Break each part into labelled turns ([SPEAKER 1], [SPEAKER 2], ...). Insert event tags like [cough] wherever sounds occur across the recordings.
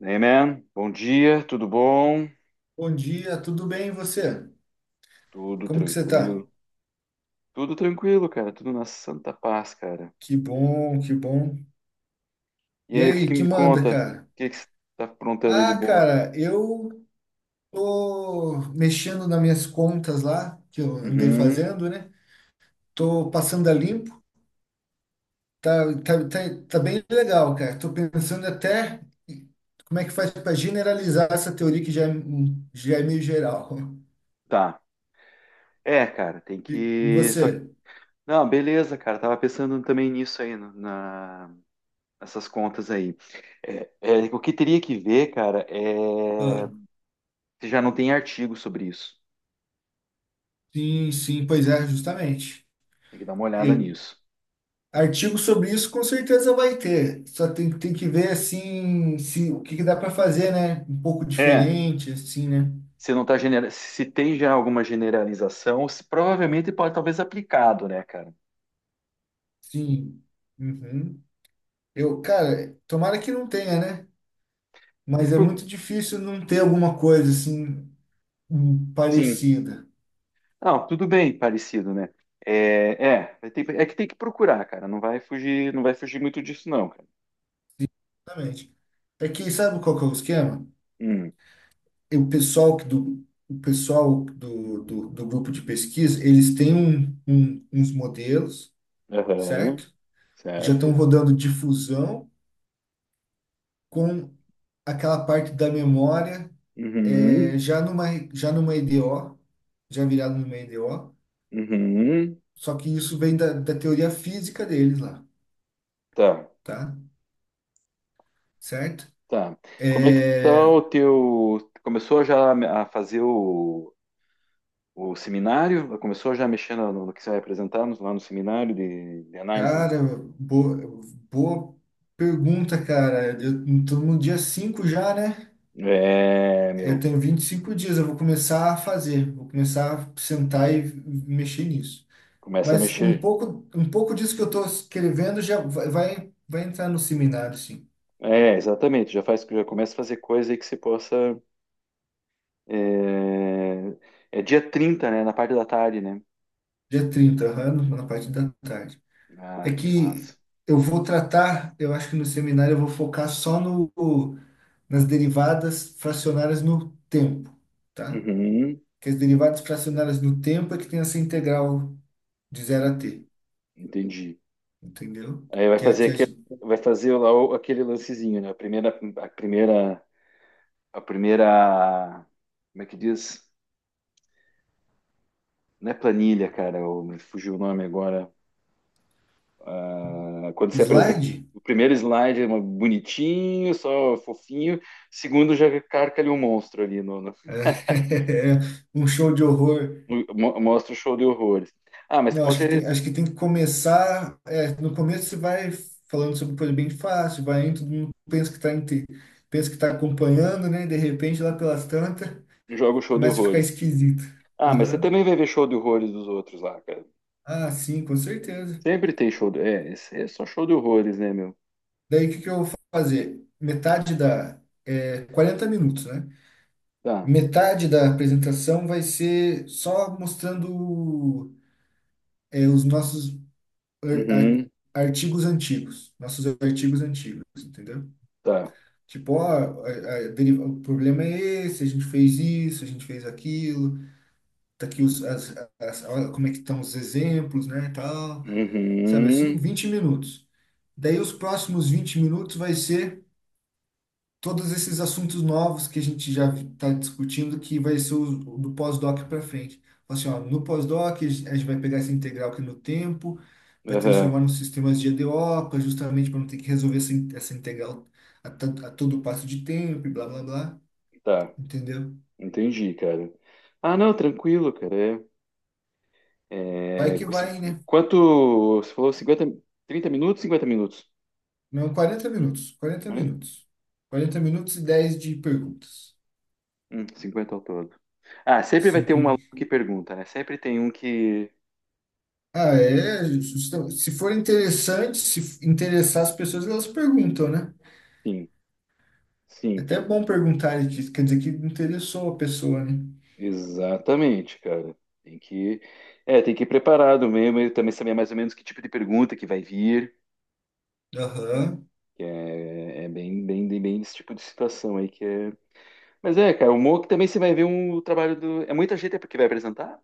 [SPEAKER 1] Hey, bom dia, tudo bom?
[SPEAKER 2] Bom dia, tudo bem e você?
[SPEAKER 1] Tudo
[SPEAKER 2] Como que você tá?
[SPEAKER 1] tranquilo. Tudo tranquilo, cara, tudo na santa paz, cara.
[SPEAKER 2] Que bom, que bom.
[SPEAKER 1] E
[SPEAKER 2] E
[SPEAKER 1] aí, o que
[SPEAKER 2] aí,
[SPEAKER 1] que
[SPEAKER 2] que
[SPEAKER 1] me
[SPEAKER 2] manda,
[SPEAKER 1] conta? O
[SPEAKER 2] cara?
[SPEAKER 1] que que você tá aprontando aí de
[SPEAKER 2] Ah,
[SPEAKER 1] boa?
[SPEAKER 2] cara, eu tô mexendo nas minhas contas lá, que eu andei
[SPEAKER 1] Uhum,
[SPEAKER 2] fazendo, né? Tô passando a limpo, tá, tá, tá, tá bem legal, cara. Tô pensando até como é que faz para generalizar essa teoria que já é, já é meio geral. [laughs]
[SPEAKER 1] tá. É, cara, tem
[SPEAKER 2] E
[SPEAKER 1] que, só, que-
[SPEAKER 2] você?
[SPEAKER 1] Não, beleza, cara, tava pensando também nisso aí, no- na, nessas contas aí. É, o que teria que ver, cara, é.
[SPEAKER 2] Ah,
[SPEAKER 1] Se já não tem artigo sobre isso.
[SPEAKER 2] sim, sim, pois é, justamente.
[SPEAKER 1] Tem que dar uma olhada nisso.
[SPEAKER 2] Artigo sobre isso com certeza vai ter. Só tem, tem que ver assim se o que, que dá para fazer, né? Um pouco
[SPEAKER 1] É,
[SPEAKER 2] diferente, assim, né?
[SPEAKER 1] se não tá genera, se tem já alguma generalização, se provavelmente pode talvez aplicado, né, cara?
[SPEAKER 2] Sim. Uhum. Eu, cara, tomara que não tenha, né?
[SPEAKER 1] Tem
[SPEAKER 2] Mas
[SPEAKER 1] que
[SPEAKER 2] é
[SPEAKER 1] proc-
[SPEAKER 2] muito difícil não ter alguma coisa assim
[SPEAKER 1] Sim.
[SPEAKER 2] parecida.
[SPEAKER 1] Não, tudo bem, parecido, né? É, é, vai ter- é que tem que procurar, cara. Não vai fugir, não vai fugir muito disso, não, cara.
[SPEAKER 2] Exatamente. É que sabe qual que é o esquema?
[SPEAKER 1] Hum,
[SPEAKER 2] E o pessoal que do o pessoal do grupo de pesquisa, eles têm uns modelos,
[SPEAKER 1] aham,
[SPEAKER 2] certo? Já estão
[SPEAKER 1] certo.
[SPEAKER 2] rodando difusão com aquela parte da memória, é,
[SPEAKER 1] Uhum,
[SPEAKER 2] já numa, já numa EDO, já virado numa EDO,
[SPEAKER 1] uhum,
[SPEAKER 2] só que isso vem da, da teoria física deles lá,
[SPEAKER 1] tá,
[SPEAKER 2] tá? Certo?
[SPEAKER 1] tá. Como é que tá
[SPEAKER 2] É,
[SPEAKER 1] o teu? Começou já a fazer o seminário? Começou já mexendo no que você vai apresentar no- lá no seminário de análise.
[SPEAKER 2] cara, boa, boa pergunta, cara. Eu tô no dia 5 já, né?
[SPEAKER 1] É,
[SPEAKER 2] Eu
[SPEAKER 1] meu,
[SPEAKER 2] tenho 25 dias, eu vou começar a fazer, vou começar a sentar e mexer nisso.
[SPEAKER 1] começa a
[SPEAKER 2] Mas
[SPEAKER 1] mexer.
[SPEAKER 2] um pouco disso que eu estou escrevendo já vai, vai entrar no seminário, sim.
[SPEAKER 1] É, exatamente, já faz, já começa a fazer coisa aí que você possa. É dia 30, né? Na parte da tarde, né?
[SPEAKER 2] Dia 30, aham, na parte da tarde.
[SPEAKER 1] Ah,
[SPEAKER 2] É
[SPEAKER 1] que
[SPEAKER 2] que
[SPEAKER 1] massa.
[SPEAKER 2] eu vou tratar, eu acho que no seminário eu vou focar só no, nas derivadas fracionárias no tempo, tá?
[SPEAKER 1] Uhum,
[SPEAKER 2] Que as derivadas fracionárias no tempo é que tem essa integral de zero a t,
[SPEAKER 1] entendi.
[SPEAKER 2] entendeu?
[SPEAKER 1] Aí vai
[SPEAKER 2] Que é a
[SPEAKER 1] fazer
[SPEAKER 2] que a
[SPEAKER 1] aquele,
[SPEAKER 2] gente-
[SPEAKER 1] vai fazer lá o- aquele lancezinho, né? A primeira, a primeira, como é que diz? Não é planilha, cara, me fugiu o nome agora. Ah, quando você apresenta,
[SPEAKER 2] slide.
[SPEAKER 1] o primeiro slide é uma- bonitinho, só fofinho, segundo já carca ali um monstro ali,
[SPEAKER 2] [laughs] É um show de horror.
[SPEAKER 1] mostra o show de horrores. Ah, mas
[SPEAKER 2] Eu
[SPEAKER 1] com certeza
[SPEAKER 2] acho que tem que começar. É, no começo você vai falando sobre coisa bem fácil, vai indo, todo mundo pensa que está acompanhando, né? De repente, lá pelas tantas,
[SPEAKER 1] joga o show de
[SPEAKER 2] começa a ficar
[SPEAKER 1] horrores.
[SPEAKER 2] esquisito.
[SPEAKER 1] Ah, mas você
[SPEAKER 2] Aham.
[SPEAKER 1] também vai ver show de horrores dos outros lá, cara.
[SPEAKER 2] Ah, sim, com certeza.
[SPEAKER 1] Sempre tem show de. É, esse é só show de horrores, né, meu?
[SPEAKER 2] Daí o que que eu vou fazer? Metade da. É, 40 minutos, né?
[SPEAKER 1] Tá.
[SPEAKER 2] Metade da apresentação vai ser só mostrando, os nossos ar- ar-
[SPEAKER 1] Uhum,
[SPEAKER 2] artigos antigos, nossos artigos antigos, entendeu?
[SPEAKER 1] tá.
[SPEAKER 2] Tipo, ó, o problema é esse, a gente fez isso, a gente fez aquilo, tá aqui olha como é que estão os exemplos, né, e tal, sabe assim?
[SPEAKER 1] Uhum,
[SPEAKER 2] 20 minutos. Daí os próximos 20 minutos vai ser todos esses assuntos novos que a gente já está discutindo, que vai ser o, do pós-doc para frente. Fala assim, ó, no pós-doc, a gente vai pegar essa integral aqui no tempo, vai
[SPEAKER 1] aham,
[SPEAKER 2] transformar num sistemas de EDO, justamente para não ter que resolver essa integral a todo passo de tempo e blá, blá, blá,
[SPEAKER 1] tá.
[SPEAKER 2] entendeu?
[SPEAKER 1] Entendi, cara. Ah, não, tranquilo, cara. É.
[SPEAKER 2] Vai
[SPEAKER 1] É,
[SPEAKER 2] que
[SPEAKER 1] você-
[SPEAKER 2] vai, né?
[SPEAKER 1] quanto. Você falou 50 30 minutos, 50 minutos,
[SPEAKER 2] Não, quarenta
[SPEAKER 1] né?
[SPEAKER 2] minutos. Quarenta minutos e 10 de perguntas.
[SPEAKER 1] 50 ao todo. Ah, sempre vai ter um aluno
[SPEAKER 2] Sim.
[SPEAKER 1] que pergunta, né? Sempre tem um que.
[SPEAKER 2] Ah, é. Se for interessante, se interessar as pessoas, elas perguntam, né?
[SPEAKER 1] Sim,
[SPEAKER 2] É
[SPEAKER 1] sim,
[SPEAKER 2] até bom perguntar, disso, quer dizer que interessou a pessoa, né?
[SPEAKER 1] exatamente, cara. Tem que. É, tem que ir preparado mesmo, e também saber mais ou menos que tipo de pergunta que vai vir.
[SPEAKER 2] Aham.
[SPEAKER 1] Que é bem esse tipo de situação aí que é. Mas é, cara, o Mock também você vai ver um trabalho do. É muita gente que vai apresentar?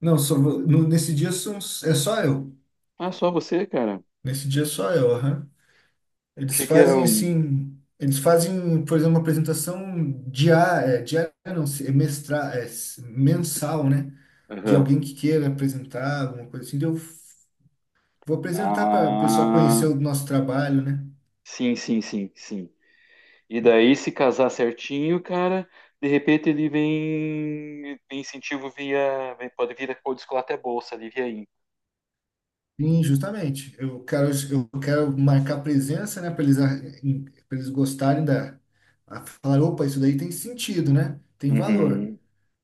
[SPEAKER 2] Não, só, vou- no- Nesse dia são, é só eu.
[SPEAKER 1] Ah, só você, cara.
[SPEAKER 2] Nesse dia é só eu, aham. Eles
[SPEAKER 1] Achei que era
[SPEAKER 2] fazem
[SPEAKER 1] um.
[SPEAKER 2] assim. Eles fazem, por exemplo, uma apresentação diária, diária não, se- é mestra, é s- mensal, né? De
[SPEAKER 1] Aham.
[SPEAKER 2] alguém que queira apresentar, alguma coisa assim, daí vou apresentar para o pessoal conhecer
[SPEAKER 1] Ah,
[SPEAKER 2] o nosso trabalho, né?
[SPEAKER 1] sim, sim, sim, sim. E daí, se casar certinho, cara, de repente ele vem, tem incentivo via, vem- pode vir a descolar até bolsa ali, via aí.
[SPEAKER 2] Sim, justamente. Eu quero marcar presença, né, para eles gostarem da. A falar, opa, isso daí tem sentido, né? Tem valor.
[SPEAKER 1] Uhum.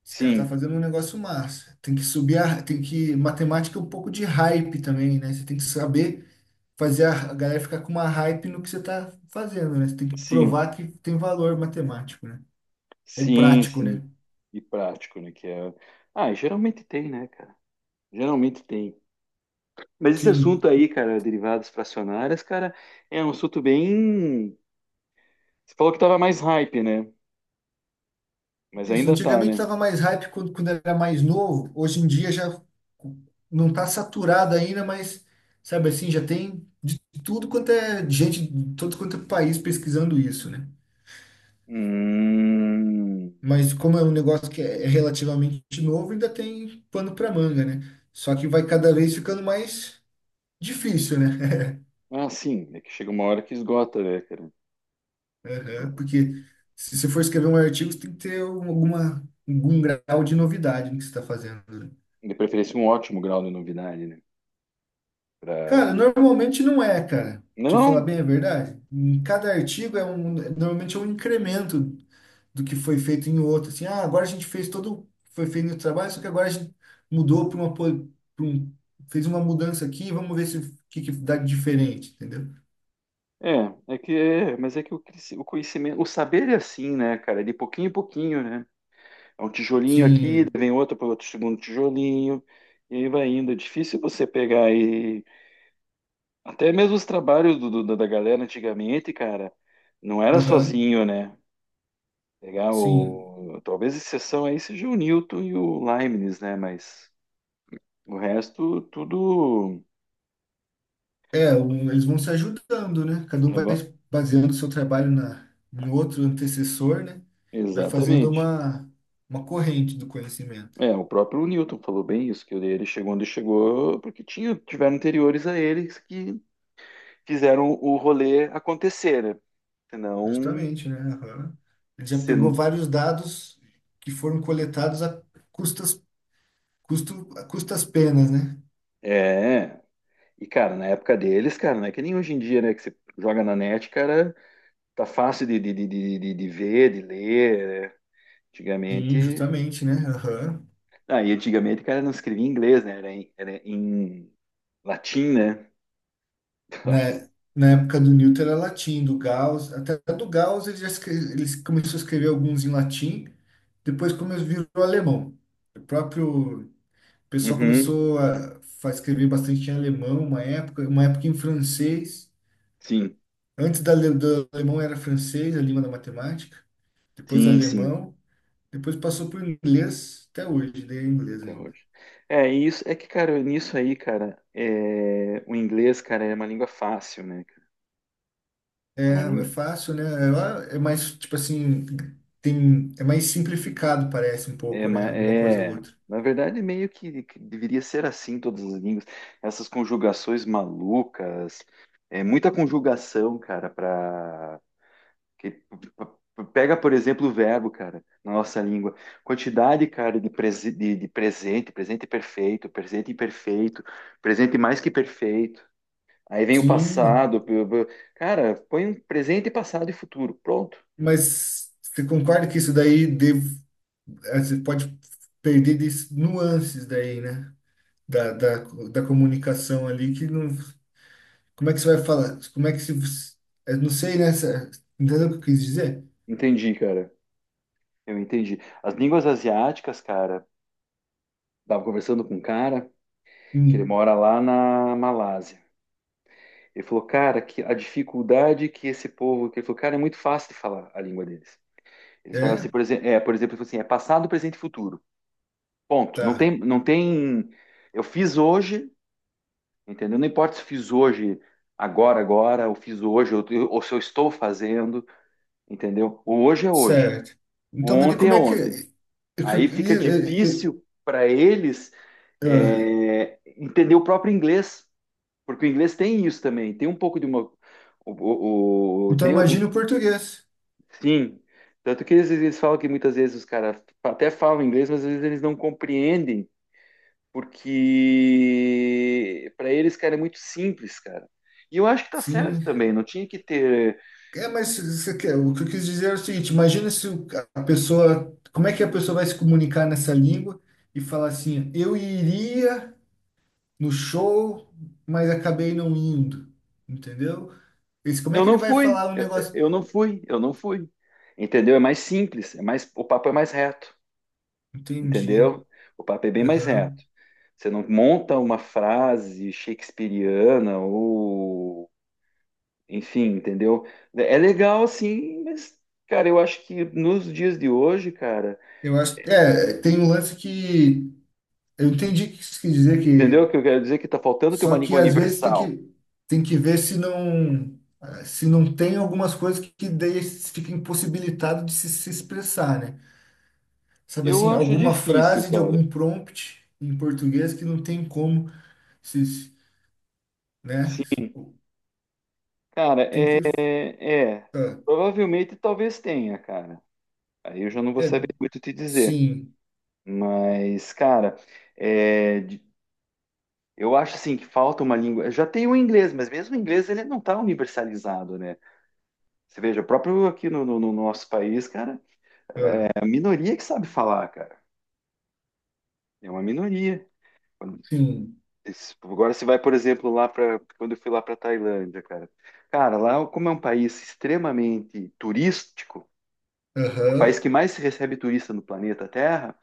[SPEAKER 2] Esse cara tá
[SPEAKER 1] Sim,
[SPEAKER 2] fazendo um negócio massa. Tem que, matemática é um pouco de hype também, né? Você tem que saber fazer a galera ficar com uma hype no que você tá fazendo, né? Você tem que
[SPEAKER 1] sim,
[SPEAKER 2] provar que tem valor matemático, né? Ou
[SPEAKER 1] sim,
[SPEAKER 2] prático,
[SPEAKER 1] sim.
[SPEAKER 2] né?
[SPEAKER 1] E prático, né? Que é. Ah, e geralmente tem, né, cara? Geralmente tem. Mas esse
[SPEAKER 2] Sim.
[SPEAKER 1] assunto aí, cara, derivadas fracionárias, cara, é um assunto bem. Você falou que tava mais hype, né? Mas
[SPEAKER 2] Isso,
[SPEAKER 1] ainda tá,
[SPEAKER 2] antigamente
[SPEAKER 1] né?
[SPEAKER 2] estava mais hype quando, quando era mais novo, hoje em dia já não está saturado ainda, mas sabe assim, já tem de tudo quanto é gente, de todo quanto é país pesquisando isso, né?
[SPEAKER 1] Hum.
[SPEAKER 2] Mas como é um negócio que é relativamente novo, ainda tem pano para manga, né? Só que vai cada vez ficando mais difícil, né?
[SPEAKER 1] Ah, sim, é que chega uma hora que esgota, né, cara?
[SPEAKER 2] [laughs]
[SPEAKER 1] Esgo-
[SPEAKER 2] Aham. Porque se você for escrever um artigo, você tem que ter algum grau de novidade no que você está fazendo, né?
[SPEAKER 1] De preferência, um ótimo grau de novidade, né? Pra.
[SPEAKER 2] Cara, normalmente não é, cara. Te falar
[SPEAKER 1] Não,
[SPEAKER 2] bem a verdade. Em cada artigo é um, normalmente é um incremento do que foi feito em outro. Assim, ah, agora a gente fez todo, foi feito o trabalho, só que agora a gente mudou para uma, po- pra um, fez uma mudança aqui, vamos ver se o que, que dá de diferente, entendeu?
[SPEAKER 1] é, é que é, mas é que o, cresci- o conhecimento, o saber é assim, né, cara? É de pouquinho em pouquinho, né? É um tijolinho aqui, daí
[SPEAKER 2] Sim,
[SPEAKER 1] vem outro para outro segundo tijolinho, e aí vai indo. É difícil você pegar e. Até mesmo os trabalhos da galera antigamente, cara, não era
[SPEAKER 2] aham,
[SPEAKER 1] sozinho, né? Pegar
[SPEAKER 2] sim.
[SPEAKER 1] o. Talvez exceção aí seja o Newton e o Leibniz, né? Mas. O resto, tudo.
[SPEAKER 2] É, eles vão se ajudando, né? Cada um
[SPEAKER 1] É
[SPEAKER 2] vai
[SPEAKER 1] va-
[SPEAKER 2] baseando o seu trabalho no outro antecessor, né? Vai fazendo
[SPEAKER 1] exatamente.
[SPEAKER 2] uma corrente do conhecimento.
[SPEAKER 1] É, o próprio Newton falou bem isso, que ele chegou onde chegou, porque tinha, tiveram anteriores a eles que fizeram o rolê acontecer, né? Senão.
[SPEAKER 2] Justamente, né? Aham. Ele já pegou
[SPEAKER 1] Se.
[SPEAKER 2] vários dados que foram coletados custas, a custas penas, né?
[SPEAKER 1] É. E, cara, na época deles, cara, não é que nem hoje em dia, né? Que você joga na net, cara, tá fácil de ver, de ler, né?
[SPEAKER 2] Sim,
[SPEAKER 1] Antigamente.
[SPEAKER 2] justamente, né? Aham.
[SPEAKER 1] Ah, e antigamente, cara, não escrevia em inglês, né? Era em latim, né? [laughs] Nossa.
[SPEAKER 2] Na, na época do Newton era latim, até do Gauss ele já escreve, ele começou a escrever alguns em latim, depois começou virou alemão. O próprio pessoal
[SPEAKER 1] Uhum.
[SPEAKER 2] começou a escrever bastante em alemão, uma época em francês.
[SPEAKER 1] Sim,
[SPEAKER 2] Antes do alemão era francês, a língua da matemática, depois
[SPEAKER 1] sim, sim.
[SPEAKER 2] alemão, depois passou por inglês, até hoje, daí é inglês
[SPEAKER 1] Até
[SPEAKER 2] ainda.
[SPEAKER 1] hoje. É, e isso é que, cara, nisso aí, cara, é, o inglês, cara, é uma língua fácil, né, cara? É
[SPEAKER 2] É,
[SPEAKER 1] uma
[SPEAKER 2] é
[SPEAKER 1] língua.
[SPEAKER 2] fácil, né? Ela é mais, tipo assim, tem, é mais simplificado, parece um
[SPEAKER 1] É,
[SPEAKER 2] pouco, né?
[SPEAKER 1] uma-
[SPEAKER 2] Alguma coisa ou
[SPEAKER 1] é,
[SPEAKER 2] outra.
[SPEAKER 1] na verdade, meio que deveria ser assim todas as línguas. Essas conjugações malucas, é muita conjugação, cara, pra. Que, p- p- pega, por exemplo, o verbo, cara, na nossa língua. Quantidade, cara, de, prese- de presente, presente perfeito, presente imperfeito, presente mais que perfeito. Aí vem o
[SPEAKER 2] Sim,
[SPEAKER 1] passado. P- p- Cara, põe um presente, passado e futuro. Pronto.
[SPEAKER 2] mas você concorda que isso daí deve, você pode perder nuances daí, né? Da, da, da comunicação ali que não. Como é que você vai falar? Como é que se. Você- Eu não sei, né? Entendeu o que eu quis dizer?
[SPEAKER 1] Entendi, cara. Eu entendi. As línguas asiáticas, cara, tava conversando com um cara que ele
[SPEAKER 2] Hum,
[SPEAKER 1] mora lá na Malásia. Ele falou, cara, que a dificuldade que esse povo. Que ele falou, cara, é muito fácil de falar a língua deles. Eles falaram
[SPEAKER 2] é?
[SPEAKER 1] assim, por exemplo, ele falou assim, é passado, presente e futuro. Ponto. Não
[SPEAKER 2] Tá.
[SPEAKER 1] tem, não tem. Eu fiz hoje, entendeu? Não importa se eu fiz hoje, agora, agora, ou fiz hoje, ou se eu estou fazendo. Entendeu? O hoje é hoje,
[SPEAKER 2] Certo.
[SPEAKER 1] o
[SPEAKER 2] Então, mas de
[SPEAKER 1] ontem
[SPEAKER 2] como
[SPEAKER 1] é
[SPEAKER 2] é que.
[SPEAKER 1] ontem. Aí fica
[SPEAKER 2] Eu-
[SPEAKER 1] difícil para eles
[SPEAKER 2] eu- ah,
[SPEAKER 1] entender o próprio inglês, porque o inglês tem isso também, tem um pouco de uma. O-
[SPEAKER 2] então,
[SPEAKER 1] tem o-
[SPEAKER 2] imagina o português.
[SPEAKER 1] sim, tanto que eles falam que muitas vezes os caras até falam inglês, mas às vezes eles não compreendem, porque para eles, cara, é muito simples, cara. E eu acho que tá certo
[SPEAKER 2] Sim.
[SPEAKER 1] também, não tinha que ter.
[SPEAKER 2] É, mas você quer, o que eu quis dizer é o seguinte: imagina se o- a pessoa. Como é que a pessoa vai se comunicar nessa língua e falar assim: eu iria no show, mas acabei não indo. Entendeu? Esse, como é
[SPEAKER 1] Eu
[SPEAKER 2] que ele
[SPEAKER 1] não
[SPEAKER 2] vai
[SPEAKER 1] fui,
[SPEAKER 2] falar o
[SPEAKER 1] eu,
[SPEAKER 2] negócio?
[SPEAKER 1] eu não fui, eu não fui. Entendeu? É mais simples, é mais, o papo é mais reto,
[SPEAKER 2] Entendi.
[SPEAKER 1] entendeu? O papo é bem mais
[SPEAKER 2] Aham.
[SPEAKER 1] reto. Você não monta uma frase shakespeariana ou, enfim, entendeu? É legal assim, mas, cara, eu acho que nos dias de hoje, cara,
[SPEAKER 2] Eu acho, é, tem um lance que eu entendi o que isso quis dizer
[SPEAKER 1] entendeu o
[SPEAKER 2] que
[SPEAKER 1] que eu quero dizer? Que tá faltando ter uma
[SPEAKER 2] só que
[SPEAKER 1] língua
[SPEAKER 2] às vezes
[SPEAKER 1] universal.
[SPEAKER 2] tem que ver se não se não tem algumas coisas que daí fica impossibilitado de se, se expressar, né? Sabe
[SPEAKER 1] Eu
[SPEAKER 2] assim,
[SPEAKER 1] acho
[SPEAKER 2] alguma
[SPEAKER 1] difícil,
[SPEAKER 2] frase de
[SPEAKER 1] cara.
[SPEAKER 2] algum prompt em português que não tem como se, se- né?
[SPEAKER 1] Sim, cara,
[SPEAKER 2] Tem que
[SPEAKER 1] é,
[SPEAKER 2] ah,
[SPEAKER 1] provavelmente talvez tenha, cara. Aí eu já não vou
[SPEAKER 2] é,
[SPEAKER 1] saber muito te dizer.
[SPEAKER 2] sim,
[SPEAKER 1] Mas, cara, é, de- eu acho assim que falta uma língua. Já tem o inglês, mas mesmo o inglês ele não está universalizado, né? Você veja, próprio aqui no nosso país, cara, é
[SPEAKER 2] ah,
[SPEAKER 1] a minoria que sabe falar, cara. É uma minoria. Quando-
[SPEAKER 2] sim,
[SPEAKER 1] esse- Agora você vai, por exemplo, lá para quando eu fui lá para Tailândia, cara. Cara, lá como é um país extremamente turístico, o país
[SPEAKER 2] aham,
[SPEAKER 1] que mais recebe turista no planeta Terra.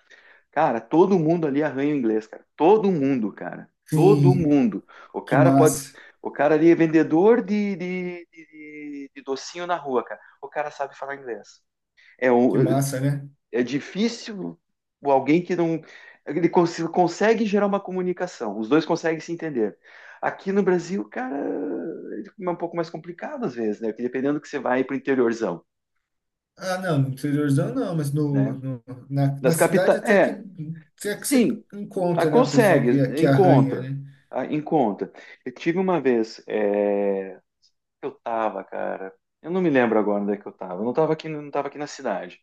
[SPEAKER 1] Cara, todo mundo ali arranha o inglês, cara. Todo mundo, cara. Todo
[SPEAKER 2] sim,
[SPEAKER 1] mundo. O
[SPEAKER 2] que
[SPEAKER 1] cara pode.
[SPEAKER 2] massa,
[SPEAKER 1] O cara ali é vendedor de docinho na rua, cara. O cara sabe falar inglês. É,
[SPEAKER 2] que
[SPEAKER 1] o-
[SPEAKER 2] massa, né?
[SPEAKER 1] é difícil o alguém que não. Ele consegue gerar uma comunicação. Os dois conseguem se entender. Aqui no Brasil, cara, é um pouco mais complicado às vezes, né? Porque dependendo que você vai para o interiorzão,
[SPEAKER 2] Ah, não, no interiorzão não, mas
[SPEAKER 1] né? Das
[SPEAKER 2] na cidade
[SPEAKER 1] capitais. É,
[SPEAKER 2] até que você
[SPEAKER 1] sim, ah,
[SPEAKER 2] encontra, né? O pessoal
[SPEAKER 1] consegue,
[SPEAKER 2] que arranha,
[SPEAKER 1] encontra,
[SPEAKER 2] né?
[SPEAKER 1] ah, encontra. Eu tive uma vez, é, eu tava, cara, eu não me lembro agora onde é que eu tava, eu não tava aqui, não tava aqui na cidade.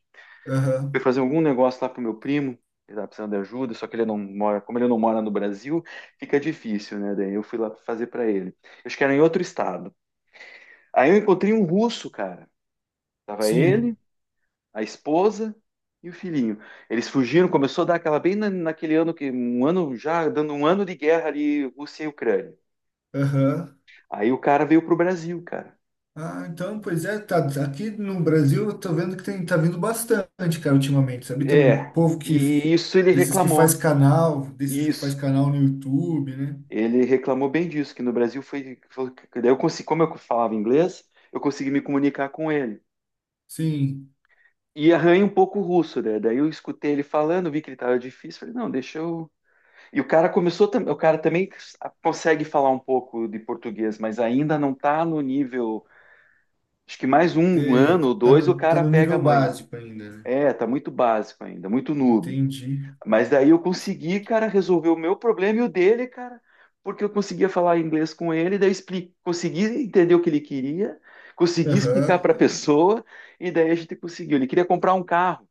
[SPEAKER 1] Fui
[SPEAKER 2] Aham.
[SPEAKER 1] fazer algum negócio lá pro meu primo, ele tava precisando de ajuda, só que ele não mora, como ele não mora no Brasil, fica difícil, né? Daí eu fui lá fazer pra ele. Eu acho que era em outro estado. Aí eu encontrei um russo, cara. Tava
[SPEAKER 2] Sim,
[SPEAKER 1] ele, a esposa e o filhinho. Eles fugiram, começou a dar aquela bem na- naquele ano que um ano já dando um ano de guerra ali Rússia e Ucrânia.
[SPEAKER 2] aham.
[SPEAKER 1] Aí o cara veio pro Brasil, cara.
[SPEAKER 2] Ah, então, pois é, tá, aqui no Brasil eu tô vendo que tem, tá vindo bastante, cara, ultimamente, sabe? Tem
[SPEAKER 1] É,
[SPEAKER 2] um povo que,
[SPEAKER 1] e isso ele reclamou.
[SPEAKER 2] desses que faz
[SPEAKER 1] Isso.
[SPEAKER 2] canal no YouTube, né?
[SPEAKER 1] Ele reclamou bem disso, que no Brasil foi, foi- daí eu consegui, como eu falava inglês, eu consegui me comunicar com ele.
[SPEAKER 2] Sim,
[SPEAKER 1] E arranha um pouco o russo, né? Daí eu escutei ele falando, vi que ele estava difícil, falei, não, deixa eu. E o cara começou, o cara também consegue falar um pouco de português, mas ainda não tá no nível, acho que mais um
[SPEAKER 2] é,
[SPEAKER 1] ano ou dois o
[SPEAKER 2] tá
[SPEAKER 1] cara
[SPEAKER 2] no
[SPEAKER 1] pega a
[SPEAKER 2] nível
[SPEAKER 1] manha.
[SPEAKER 2] básico ainda, né?
[SPEAKER 1] É, tá muito básico ainda, muito noob.
[SPEAKER 2] Entendi.
[SPEAKER 1] Mas daí eu consegui, cara, resolver o meu problema e o dele, cara, porque eu conseguia falar inglês com ele, daí expli- consegui entender o que ele queria, consegui explicar
[SPEAKER 2] Aham.
[SPEAKER 1] para a pessoa e daí a gente conseguiu. Ele queria comprar um carro.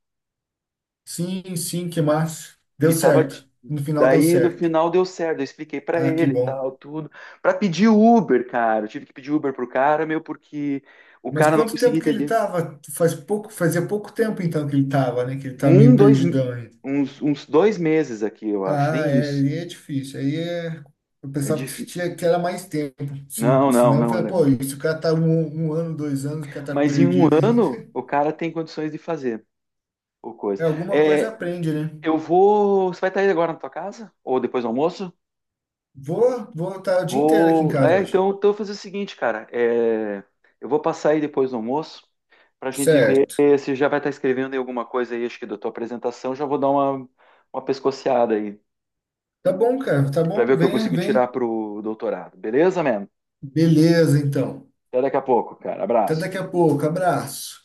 [SPEAKER 2] Sim, sim, que massa. Deu
[SPEAKER 1] E tava. De-
[SPEAKER 2] certo. No final deu
[SPEAKER 1] daí no
[SPEAKER 2] certo.
[SPEAKER 1] final deu certo, eu expliquei pra
[SPEAKER 2] Ah, que
[SPEAKER 1] ele e
[SPEAKER 2] bom.
[SPEAKER 1] tal, tudo. Pra pedir Uber, cara. Eu tive que pedir Uber pro cara, meu, porque o
[SPEAKER 2] Mas
[SPEAKER 1] cara não
[SPEAKER 2] quanto
[SPEAKER 1] conseguia
[SPEAKER 2] tempo que ele
[SPEAKER 1] entender.
[SPEAKER 2] tava? Faz pouco, fazia pouco tempo então que ele tava, né? Que ele tá
[SPEAKER 1] Um,
[SPEAKER 2] meio
[SPEAKER 1] dois, me-
[SPEAKER 2] perdidão ainda.
[SPEAKER 1] uns 2 meses aqui, eu acho,
[SPEAKER 2] Ah,
[SPEAKER 1] nem
[SPEAKER 2] é,
[SPEAKER 1] isso.
[SPEAKER 2] aí é difícil. Aí é. Eu
[SPEAKER 1] É
[SPEAKER 2] pensava que
[SPEAKER 1] difícil.
[SPEAKER 2] tinha que era mais tempo. Se,
[SPEAKER 1] Não,
[SPEAKER 2] se
[SPEAKER 1] não,
[SPEAKER 2] não, eu
[SPEAKER 1] não
[SPEAKER 2] falei,
[SPEAKER 1] era.
[SPEAKER 2] pô, isso o cara tá 1 ano, 2 anos, o cara tá
[SPEAKER 1] Mas em um
[SPEAKER 2] perdido ainda.
[SPEAKER 1] ano,
[SPEAKER 2] [laughs]
[SPEAKER 1] o cara tem condições de fazer o
[SPEAKER 2] É
[SPEAKER 1] coisa.
[SPEAKER 2] alguma coisa
[SPEAKER 1] É,
[SPEAKER 2] aprende, né?
[SPEAKER 1] eu vou. Você vai estar aí agora na tua casa? Ou depois do almoço?
[SPEAKER 2] Vou, vou estar o dia inteiro aqui em
[SPEAKER 1] Vou.
[SPEAKER 2] casa
[SPEAKER 1] É,
[SPEAKER 2] hoje.
[SPEAKER 1] então eu vou fazer o seguinte, cara. É, eu vou passar aí depois do almoço para a gente ver
[SPEAKER 2] Certo.
[SPEAKER 1] se já vai estar escrevendo aí alguma coisa aí, acho que da tua apresentação. Já vou dar uma pescoceada aí
[SPEAKER 2] Tá bom, cara, tá
[SPEAKER 1] para ver
[SPEAKER 2] bom?
[SPEAKER 1] o que eu
[SPEAKER 2] Vem,
[SPEAKER 1] consigo tirar
[SPEAKER 2] vem.
[SPEAKER 1] pro doutorado. Beleza, man?
[SPEAKER 2] Beleza, então.
[SPEAKER 1] Até daqui a pouco, cara.
[SPEAKER 2] Até
[SPEAKER 1] Abraço.
[SPEAKER 2] daqui a pouco. Abraço.